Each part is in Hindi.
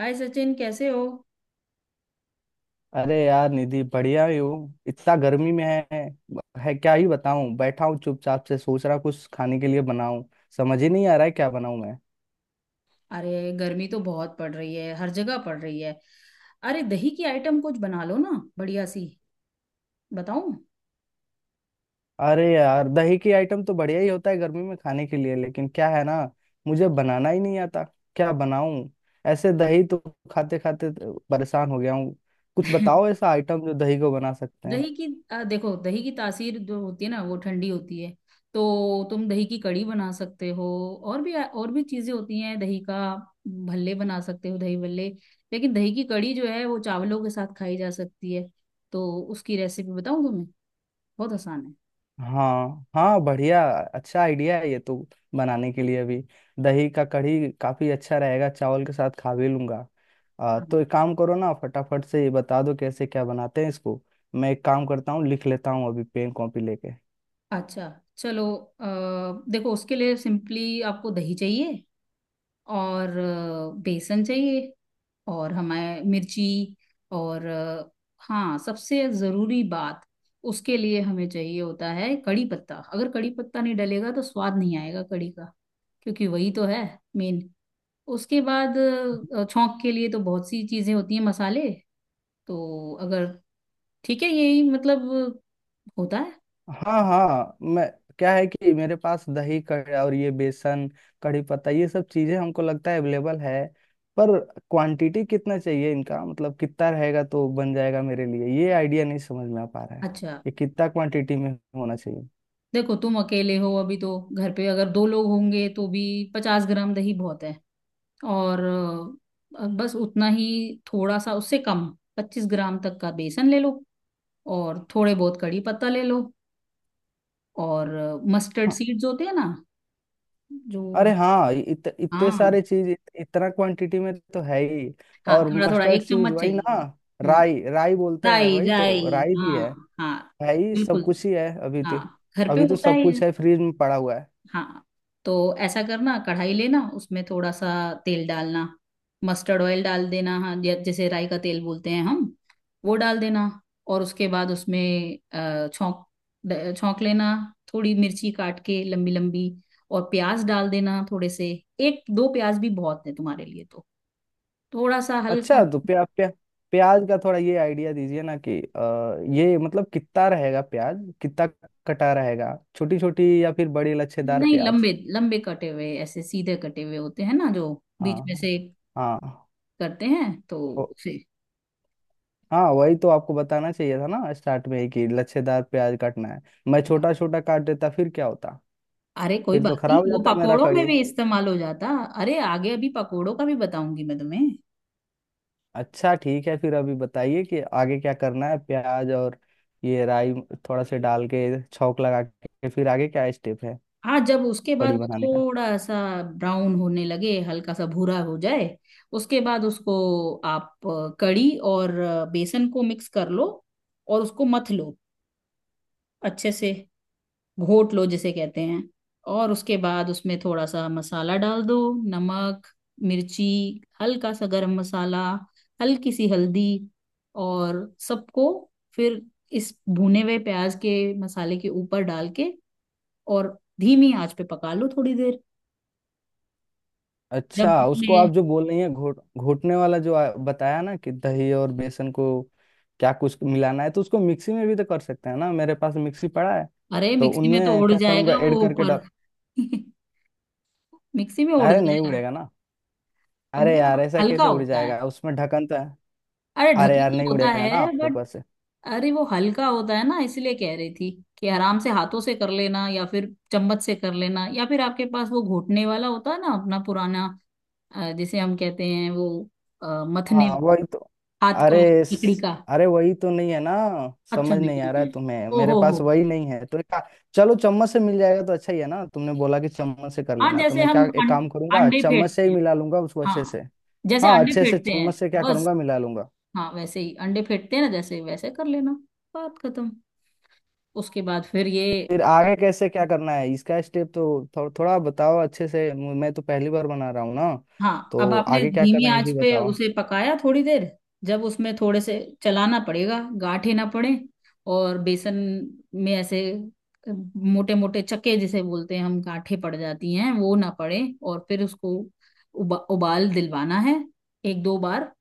हाय सचिन, कैसे हो। अरे यार निधि, बढ़िया ही हूँ। इतना गर्मी में है क्या ही बताऊं। बैठा हूँ चुपचाप से, सोच रहा कुछ खाने के लिए बनाऊं। समझ ही नहीं आ रहा है क्या बनाऊं मैं। अरे, गर्मी तो बहुत पड़ रही है, हर जगह पड़ रही है। अरे, दही की आइटम कुछ बना लो ना, बढ़िया सी। बताऊं? अरे यार, दही की आइटम तो बढ़िया ही होता है गर्मी में खाने के लिए, लेकिन क्या है ना, मुझे बनाना ही नहीं आता। क्या बनाऊं? ऐसे दही तो खाते खाते परेशान हो गया हूँ। कुछ बताओ ऐसा आइटम जो दही को बना सकते हैं। दही की देखो, दही की तासीर जो होती है ना, वो ठंडी होती है। तो तुम दही की कड़ी बना सकते हो। और भी चीजें होती हैं दही का। भल्ले बना सकते हो, दही भल्ले। लेकिन दही की कड़ी जो है वो चावलों के साथ खाई जा सकती है। तो उसकी रेसिपी बताऊं तुम्हें? बहुत आसान हाँ हाँ, बढ़िया। अच्छा आइडिया है ये तो बनाने के लिए अभी। दही का कढ़ी काफी अच्छा रहेगा, चावल के साथ खा भी लूंगा। है। तो एक काम करो ना, फटाफट से ये बता दो कैसे क्या बनाते हैं इसको। मैं एक काम करता हूँ, लिख लेता हूँ अभी पेन कॉपी लेके। अच्छा। चलो, अ, देखो उसके लिए सिंपली आपको दही चाहिए। और बेसन चाहिए। और हमें मिर्ची। और हाँ, सबसे ज़रूरी बात। उसके लिए हमें चाहिए होता है कड़ी पत्ता। अगर कड़ी पत्ता नहीं डलेगा तो स्वाद नहीं आएगा कड़ी का। क्योंकि वही तो है मेन। उसके बाद छौंक के लिए तो बहुत सी चीज़ें होती हैं, मसाले। तो अगर ठीक है, यही मतलब होता है। हाँ हाँ। मैं, क्या है कि मेरे पास दही और ये बेसन, कढ़ी पत्ता, ये सब चीजें हमको लगता है अवेलेबल है। पर क्वांटिटी कितना चाहिए इनका, मतलब कितना रहेगा तो बन जाएगा मेरे लिए, ये आइडिया नहीं समझ में आ पा रहा है। अच्छा। ये कितना क्वांटिटी में होना चाहिए? देखो, तुम अकेले हो अभी तो घर पे, अगर दो लोग होंगे तो भी 50 ग्राम दही बहुत है। और बस उतना ही, थोड़ा सा उससे कम। 25 ग्राम तक का बेसन ले लो। और थोड़े बहुत कड़ी पत्ता ले लो। और मस्टर्ड हाँ। सीड्स होते हैं ना, अरे जो हाँ, इतने हाँ सारे चीज इतना क्वांटिटी में तो है ही। हाँ, और थोड़ा थोड़ा मस्टर्ड एक सीज चम्मच वही चाहिए ना, होगा। हम्म। राई? राई बोलते हैं राई, वही तो, राई, राई भी है। हाँ हाँ। है ही, सब बिल्कुल। कुछ ही है अभी तो। हाँ, घर पे अभी तो होता है सब ये। कुछ है फ्रिज में पड़ा हुआ है। हाँ, तो ऐसा करना, कढ़ाई लेना, उसमें थोड़ा सा तेल डालना। मस्टर्ड ऑयल डाल देना। हाँ, जैसे राई का तेल बोलते हैं हम, वो डाल देना। और उसके बाद उसमें छौंक, छौंक लेना। थोड़ी मिर्ची काट के, लंबी लंबी। और प्याज डाल देना थोड़े से, एक दो प्याज भी बहुत है तुम्हारे लिए तो। थोड़ा सा अच्छा हल्का। तो प्या, प्या, प्याज का थोड़ा ये आइडिया दीजिए ना कि ये मतलब कितना रहेगा प्याज, कितना कटा रहेगा? छोटी छोटी या फिर बड़ी लच्छेदार नहीं, प्याज? लंबे लंबे कटे हुए, ऐसे सीधे कटे हुए होते हैं ना जो बीच में हाँ। से हाँ। करते हैं, तो ओ- उसे। हाँ वही तो आपको बताना चाहिए था ना स्टार्ट में ही कि लच्छेदार प्याज काटना है। मैं छोटा छोटा काट देता फिर क्या होता। अरे कोई फिर तो बात नहीं, खराब हो वो जाता मेरा पकोड़ों में कड़ी। भी इस्तेमाल हो जाता। अरे, आगे अभी पकोड़ों का भी बताऊंगी मैं तुम्हें। अच्छा ठीक है, फिर अभी बताइए कि आगे क्या करना है। प्याज और ये राई थोड़ा से डाल के छौंक लगा के, फिर आगे क्या स्टेप है हाँ, जब उसके बाद कड़ी वो बनाने का? थोड़ा सा ब्राउन होने लगे, हल्का सा भूरा हो जाए, उसके बाद उसको आप कड़ी और बेसन को मिक्स कर लो, और उसको मथ लो अच्छे से, घोट लो जिसे कहते हैं। और उसके बाद उसमें थोड़ा सा मसाला डाल दो, नमक, मिर्ची, हल्का सा गरम मसाला, हल्की सी हल्दी, और सबको फिर इस भुने हुए प्याज के मसाले के ऊपर डाल के, और धीमी आंच पे पका लो थोड़ी देर। जब अच्छा, उसको उसमें आप जो बोल रही हैं घोट, घोटने वाला जो बताया ना कि दही और बेसन को क्या कुछ मिलाना है, तो उसको मिक्सी में भी तो कर सकते हैं ना, मेरे पास मिक्सी पड़ा है। अरे, तो मिक्सी में तो उनमें उड़ क्या करूंगा, जाएगा ऐड वो करके ऊपर। डाल। मिक्सी में उड़ अरे नहीं जाएगा। उड़ेगा ना। अब अरे वो यार, ऐसा हल्का कैसे उड़ होता है। जाएगा, उसमें ढक्कन तो है। अरे, अरे यार ढक्कन नहीं तो होता उड़ेगा ना है, बट ऊपर से। अरे, वो हल्का होता है ना, इसलिए कह रही थी कि आराम से हाथों से कर लेना, या फिर चम्मच से कर लेना, या फिर आपके पास वो घोटने वाला होता है ना अपना पुराना, जिसे हम कहते हैं वो, मथने, हाँ वही तो। हाथ का अरे लकड़ी का। अरे वही तो नहीं है ना। अच्छा, समझ नहीं नहीं आ रहा है। है तुम्हें, ओ मेरे हो हो। पास वही नहीं है तो एक चलो, चम्मच से मिल जाएगा तो अच्छा ही है ना। तुमने बोला कि चम्मच से कर हाँ, लेना, तो जैसे मैं हम क्या एक काम करूंगा, अंडे चम्मच से फेंटते ही हैं। मिला लूंगा उसको अच्छे हाँ, से। जैसे हाँ अंडे अच्छे से फेंटते चम्मच हैं, से क्या बस। करूंगा, मिला लूंगा। हाँ, वैसे ही अंडे फेंटते हैं ना जैसे, वैसे कर लेना। बात खत्म। उसके बाद फिर ये फिर आगे कैसे क्या करना है इसका स्टेप तो थोड़ा बताओ अच्छे से, मैं तो पहली बार बना रहा हूँ ना। हाँ, अब तो आपने आगे क्या धीमी करना है ये आंच भी पे बताओ। उसे पकाया थोड़ी देर। जब उसमें थोड़े से चलाना पड़ेगा, गांठें ना पड़े। और बेसन में ऐसे मोटे मोटे चक्के जिसे बोलते हैं हम, गांठें पड़ जाती हैं, वो ना पड़े। और फिर उसको उबाल दिलवाना है, एक दो बार।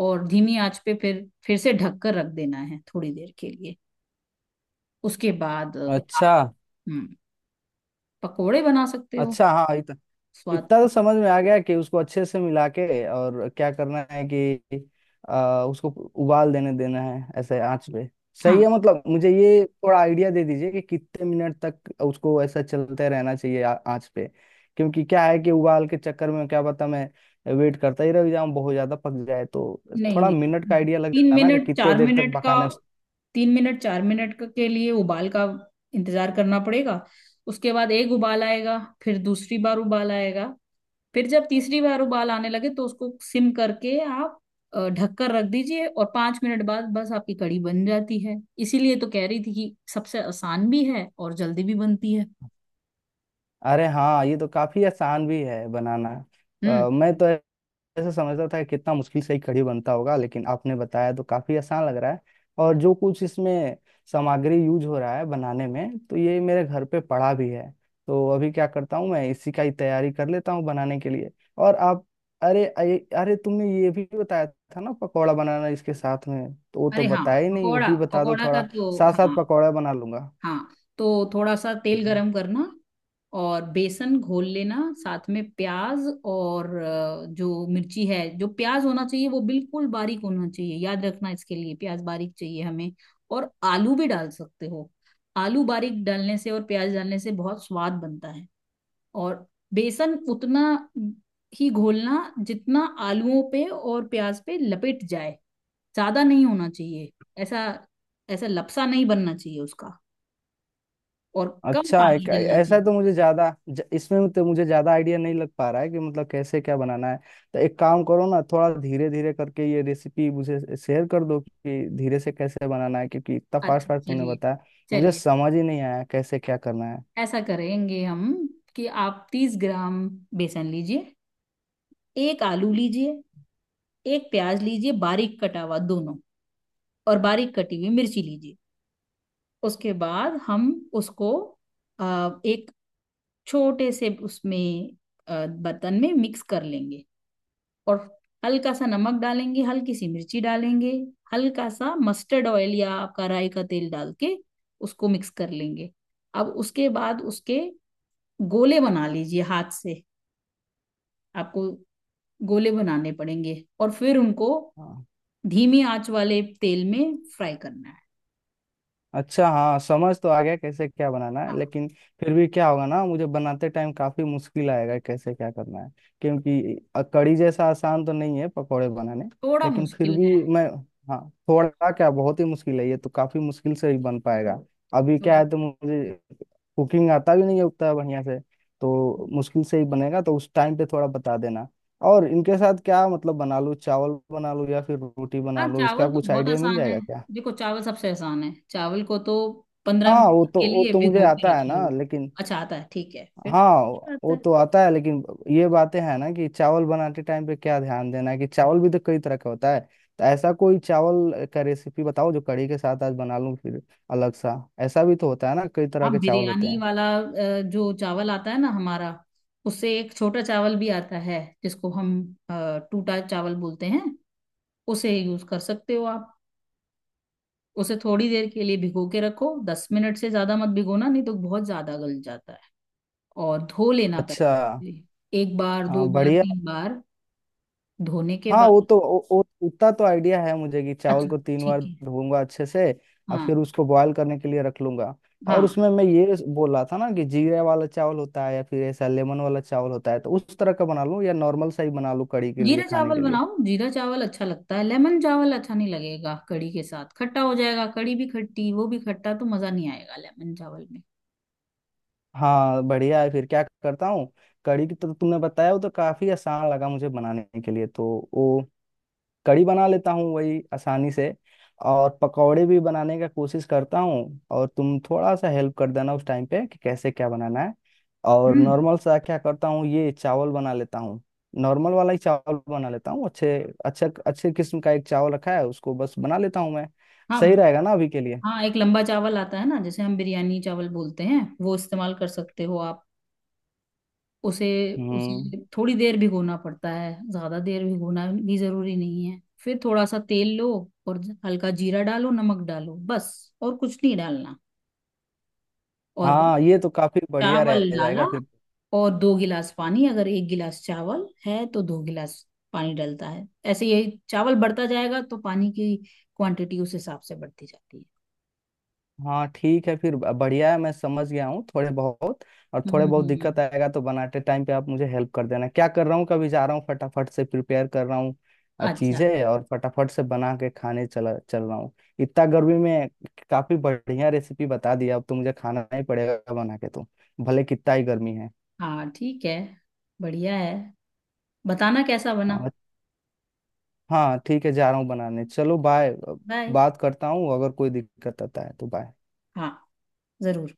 और धीमी आंच पे फिर से ढक कर रख देना है थोड़ी देर के लिए। उसके बाद आप अच्छा। हम्म, पकोड़े बना सकते हो, अच्छा हाँ, स्वाद इतना तो के। समझ में आ गया कि उसको अच्छे से मिला के और क्या करना है कि उसको उबाल देने देना है ऐसे आंच पे। सही हाँ। है। मतलब मुझे ये थोड़ा आइडिया दे दीजिए कि कितने मिनट तक उसको ऐसा चलते रहना चाहिए आंच पे। क्योंकि क्या है कि उबाल के चक्कर में क्या पता मैं वेट करता ही रह जाऊं, बहुत ज्यादा पक जाए तो। नहीं थोड़ा नहीं, मिनट का आइडिया लग तीन जाता ना कि मिनट कितने चार देर तक मिनट का, पकाना है 3 मिनट 4 मिनट के लिए उबाल का इंतजार करना पड़ेगा। उसके बाद एक उबाल आएगा, फिर दूसरी बार उबाल आएगा, फिर जब तीसरी बार उबाल आने लगे तो उसको सिम करके आप ढककर रख दीजिए, और 5 मिनट बाद बस आपकी कढ़ी बन जाती है। इसीलिए तो कह रही थी कि सबसे आसान भी है और जल्दी भी बनती है। अरे हाँ, ये तो काफी आसान भी है बनाना। हम्म। मैं तो ऐसे समझता था कि कितना मुश्किल से ही कढ़ी बनता होगा, लेकिन आपने बताया तो काफी आसान लग रहा है। और जो कुछ इसमें सामग्री यूज हो रहा है बनाने में, तो ये मेरे घर पे पड़ा भी है। तो अभी क्या करता हूँ, मैं इसी का ही तैयारी कर लेता हूँ बनाने के लिए। और आप, अरे अरे अरे, तुमने ये भी बताया था ना पकौड़ा बनाना इसके साथ में, तो वो तो अरे हाँ, बताया ही नहीं, वो पकोड़ा, भी बता दो पकोड़ा का थोड़ा। तो साथ साथ हाँ। पकौड़ा बना लूंगा। हाँ, तो थोड़ा सा तेल गरम करना, और बेसन घोल लेना साथ में प्याज और जो मिर्ची है। जो प्याज होना चाहिए वो बिल्कुल बारीक होना चाहिए, याद रखना, इसके लिए प्याज बारीक चाहिए हमें। और आलू भी डाल सकते हो। आलू बारीक डालने से और प्याज डालने से बहुत स्वाद बनता है। और बेसन उतना ही घोलना जितना आलूओं पे और प्याज पे लपेट जाए, ज्यादा नहीं होना चाहिए। ऐसा, ऐसा लपसा नहीं बनना चाहिए उसका। और कम अच्छा, पानी एक डलना ऐसा चाहिए। तो मुझे ज्यादा इसमें तो मुझे ज्यादा आइडिया नहीं लग पा रहा है कि मतलब कैसे क्या बनाना है। तो एक काम करो ना, थोड़ा धीरे धीरे करके ये रेसिपी मुझे शेयर कर दो कि धीरे से कैसे बनाना है, क्योंकि इतना फास्ट अच्छा, फास्ट तूने चलिए, बताया, मुझे चलिए। समझ ही नहीं आया कैसे क्या करना है। ऐसा करेंगे हम कि आप 30 ग्राम बेसन लीजिए, एक आलू लीजिए, एक प्याज लीजिए बारीक कटा हुआ दोनों, और बारीक कटी हुई मिर्ची लीजिए। उसके बाद हम उसको एक छोटे से उसमें बर्तन में मिक्स कर लेंगे, और हल्का सा नमक डालेंगे, हल्की सी मिर्ची डालेंगे, हल्का सा मस्टर्ड ऑयल या आपका राई का तेल डाल के उसको मिक्स कर लेंगे। अब उसके बाद उसके गोले बना लीजिए हाथ से, आपको गोले बनाने पड़ेंगे, और फिर उनको हाँ। धीमी आंच वाले तेल में फ्राई करना है। अच्छा हाँ, समझ तो आ गया कैसे क्या बनाना हाँ, है, लेकिन फिर भी क्या होगा ना, मुझे बनाते टाइम काफी मुश्किल आएगा कैसे क्या करना है। क्योंकि कढ़ी जैसा आसान तो नहीं है पकौड़े बनाने। थोड़ा लेकिन फिर मुश्किल है भी मैं, हाँ, थोड़ा क्या, बहुत ही मुश्किल है, ये तो काफी मुश्किल से ही बन पाएगा। अभी क्या थोड़ा। है तो मुझे कुकिंग आता भी नहीं है उतना बढ़िया से, तो मुश्किल से ही बनेगा, तो उस टाइम पे थोड़ा बता देना। और इनके साथ क्या मतलब बना लूँ, चावल बना लूँ या फिर रोटी हाँ, बना लूँ, इसका चावल तो कुछ बहुत आइडिया मिल आसान है। जाएगा क्या? देखो चावल सबसे आसान है, चावल को तो पंद्रह हाँ वो मिनट तो, के वो लिए तो मुझे भिगो के आता रख है लो। ना, लेकिन अच्छा, आता है ठीक है, फिर तो हाँ मुश्किल आता वो है। तो आता है, लेकिन ये बातें हैं ना कि चावल बनाते टाइम पे क्या ध्यान देना है, कि चावल भी तो कई तरह का होता है, तो ऐसा कोई चावल का रेसिपी बताओ जो कड़ी के साथ आज बना लूं फिर, अलग सा। ऐसा भी तो होता है ना, कई तरह हाँ, के चावल होते बिरयानी हैं। वाला जो चावल आता है ना हमारा, उससे एक छोटा चावल भी आता है जिसको हम टूटा चावल बोलते हैं। उसे यूज कर सकते हो आप। उसे थोड़ी देर के लिए भिगो के रखो, 10 मिनट से ज्यादा मत भिगोना, नहीं तो बहुत ज्यादा गल जाता है। और धो लेना अच्छा। पहले, एक बार, दो हाँ बार, बढ़िया। तीन बार। धोने के हाँ वो बाद तो, वो उतना तो आइडिया है मुझे कि चावल अच्छा, को 3 बार ठीक है, धोऊंगा अच्छे से। और हाँ। फिर उसको बॉयल करने के लिए रख लूंगा। और हाँ, उसमें मैं ये बोल रहा था ना कि जीरा वाला चावल होता है या फिर ऐसा लेमन वाला चावल होता है, तो उस तरह का बना लूँ या नॉर्मल सा ही बना लूँ कड़ी के लिए जीरा खाने चावल के लिए? बनाओ, जीरा चावल अच्छा लगता है। लेमन चावल अच्छा नहीं लगेगा कढ़ी के साथ, खट्टा हो जाएगा, कढ़ी भी खट्टी वो भी खट्टा, तो मजा नहीं आएगा लेमन चावल में। हाँ बढ़िया है, फिर क्या करता हूँ। कड़ी की तो तुमने बताया, वो तो काफी आसान लगा मुझे बनाने के लिए, तो वो कड़ी बना लेता हूँ वही आसानी से। और पकौड़े भी बनाने का कोशिश करता हूँ, और तुम थोड़ा सा हेल्प कर देना उस टाइम पे कि कैसे क्या बनाना है। और हम्म। नॉर्मल सा क्या करता हूँ ये चावल बना लेता हूँ। नॉर्मल वाला ही चावल बना लेता हूँ अच्छे। अच्छा, अच्छे किस्म का एक चावल रखा है, उसको बस बना लेता हूँ मैं। हाँ सही रहेगा ना अभी के लिए? हाँ, एक लंबा चावल आता है ना, जैसे हम बिरयानी चावल बोलते हैं, वो इस्तेमाल कर सकते हो आप। उसे, हम्म। उसे थोड़ी देर भिगोना पड़ता है, ज्यादा देर भिगोना भी जरूरी नहीं है, फिर थोड़ा सा तेल लो और हल्का जीरा डालो, नमक डालो बस, और कुछ नहीं डालना। और बस, हाँ ये तो काफी बढ़िया रह चावल डाला जाएगा फिर। और दो गिलास पानी, अगर एक गिलास चावल है तो दो गिलास पानी डलता है। ऐसे ये चावल बढ़ता जाएगा तो पानी की क्वांटिटी उस हिसाब से बढ़ती जाती है। हाँ ठीक है, फिर बढ़िया है, मैं समझ गया हूँ थोड़े बहुत। और थोड़े बहुत हम्म। दिक्कत आएगा तो बनाते टाइम पे आप मुझे हेल्प कर देना। क्या कर रहा हूँ, कभी जा रहा हूँ फटाफट से प्रिपेयर कर रहा हूँ अच्छा। चीजें और फटाफट से बना के खाने चला चल रहा हूँ। इतना गर्मी में काफी बढ़िया रेसिपी बता दिया, अब तो मुझे खाना ही पड़ेगा बना के तो, भले कितना ही गर्मी है। हाँ ठीक है, बढ़िया है। बताना कैसा बना। हाँ। हाँ ठीक है, जा रहा हूँ बनाने, चलो बाय। बाय। बात करता हूँ अगर कोई दिक्कत आता है तो। बाय। हाँ, जरूर।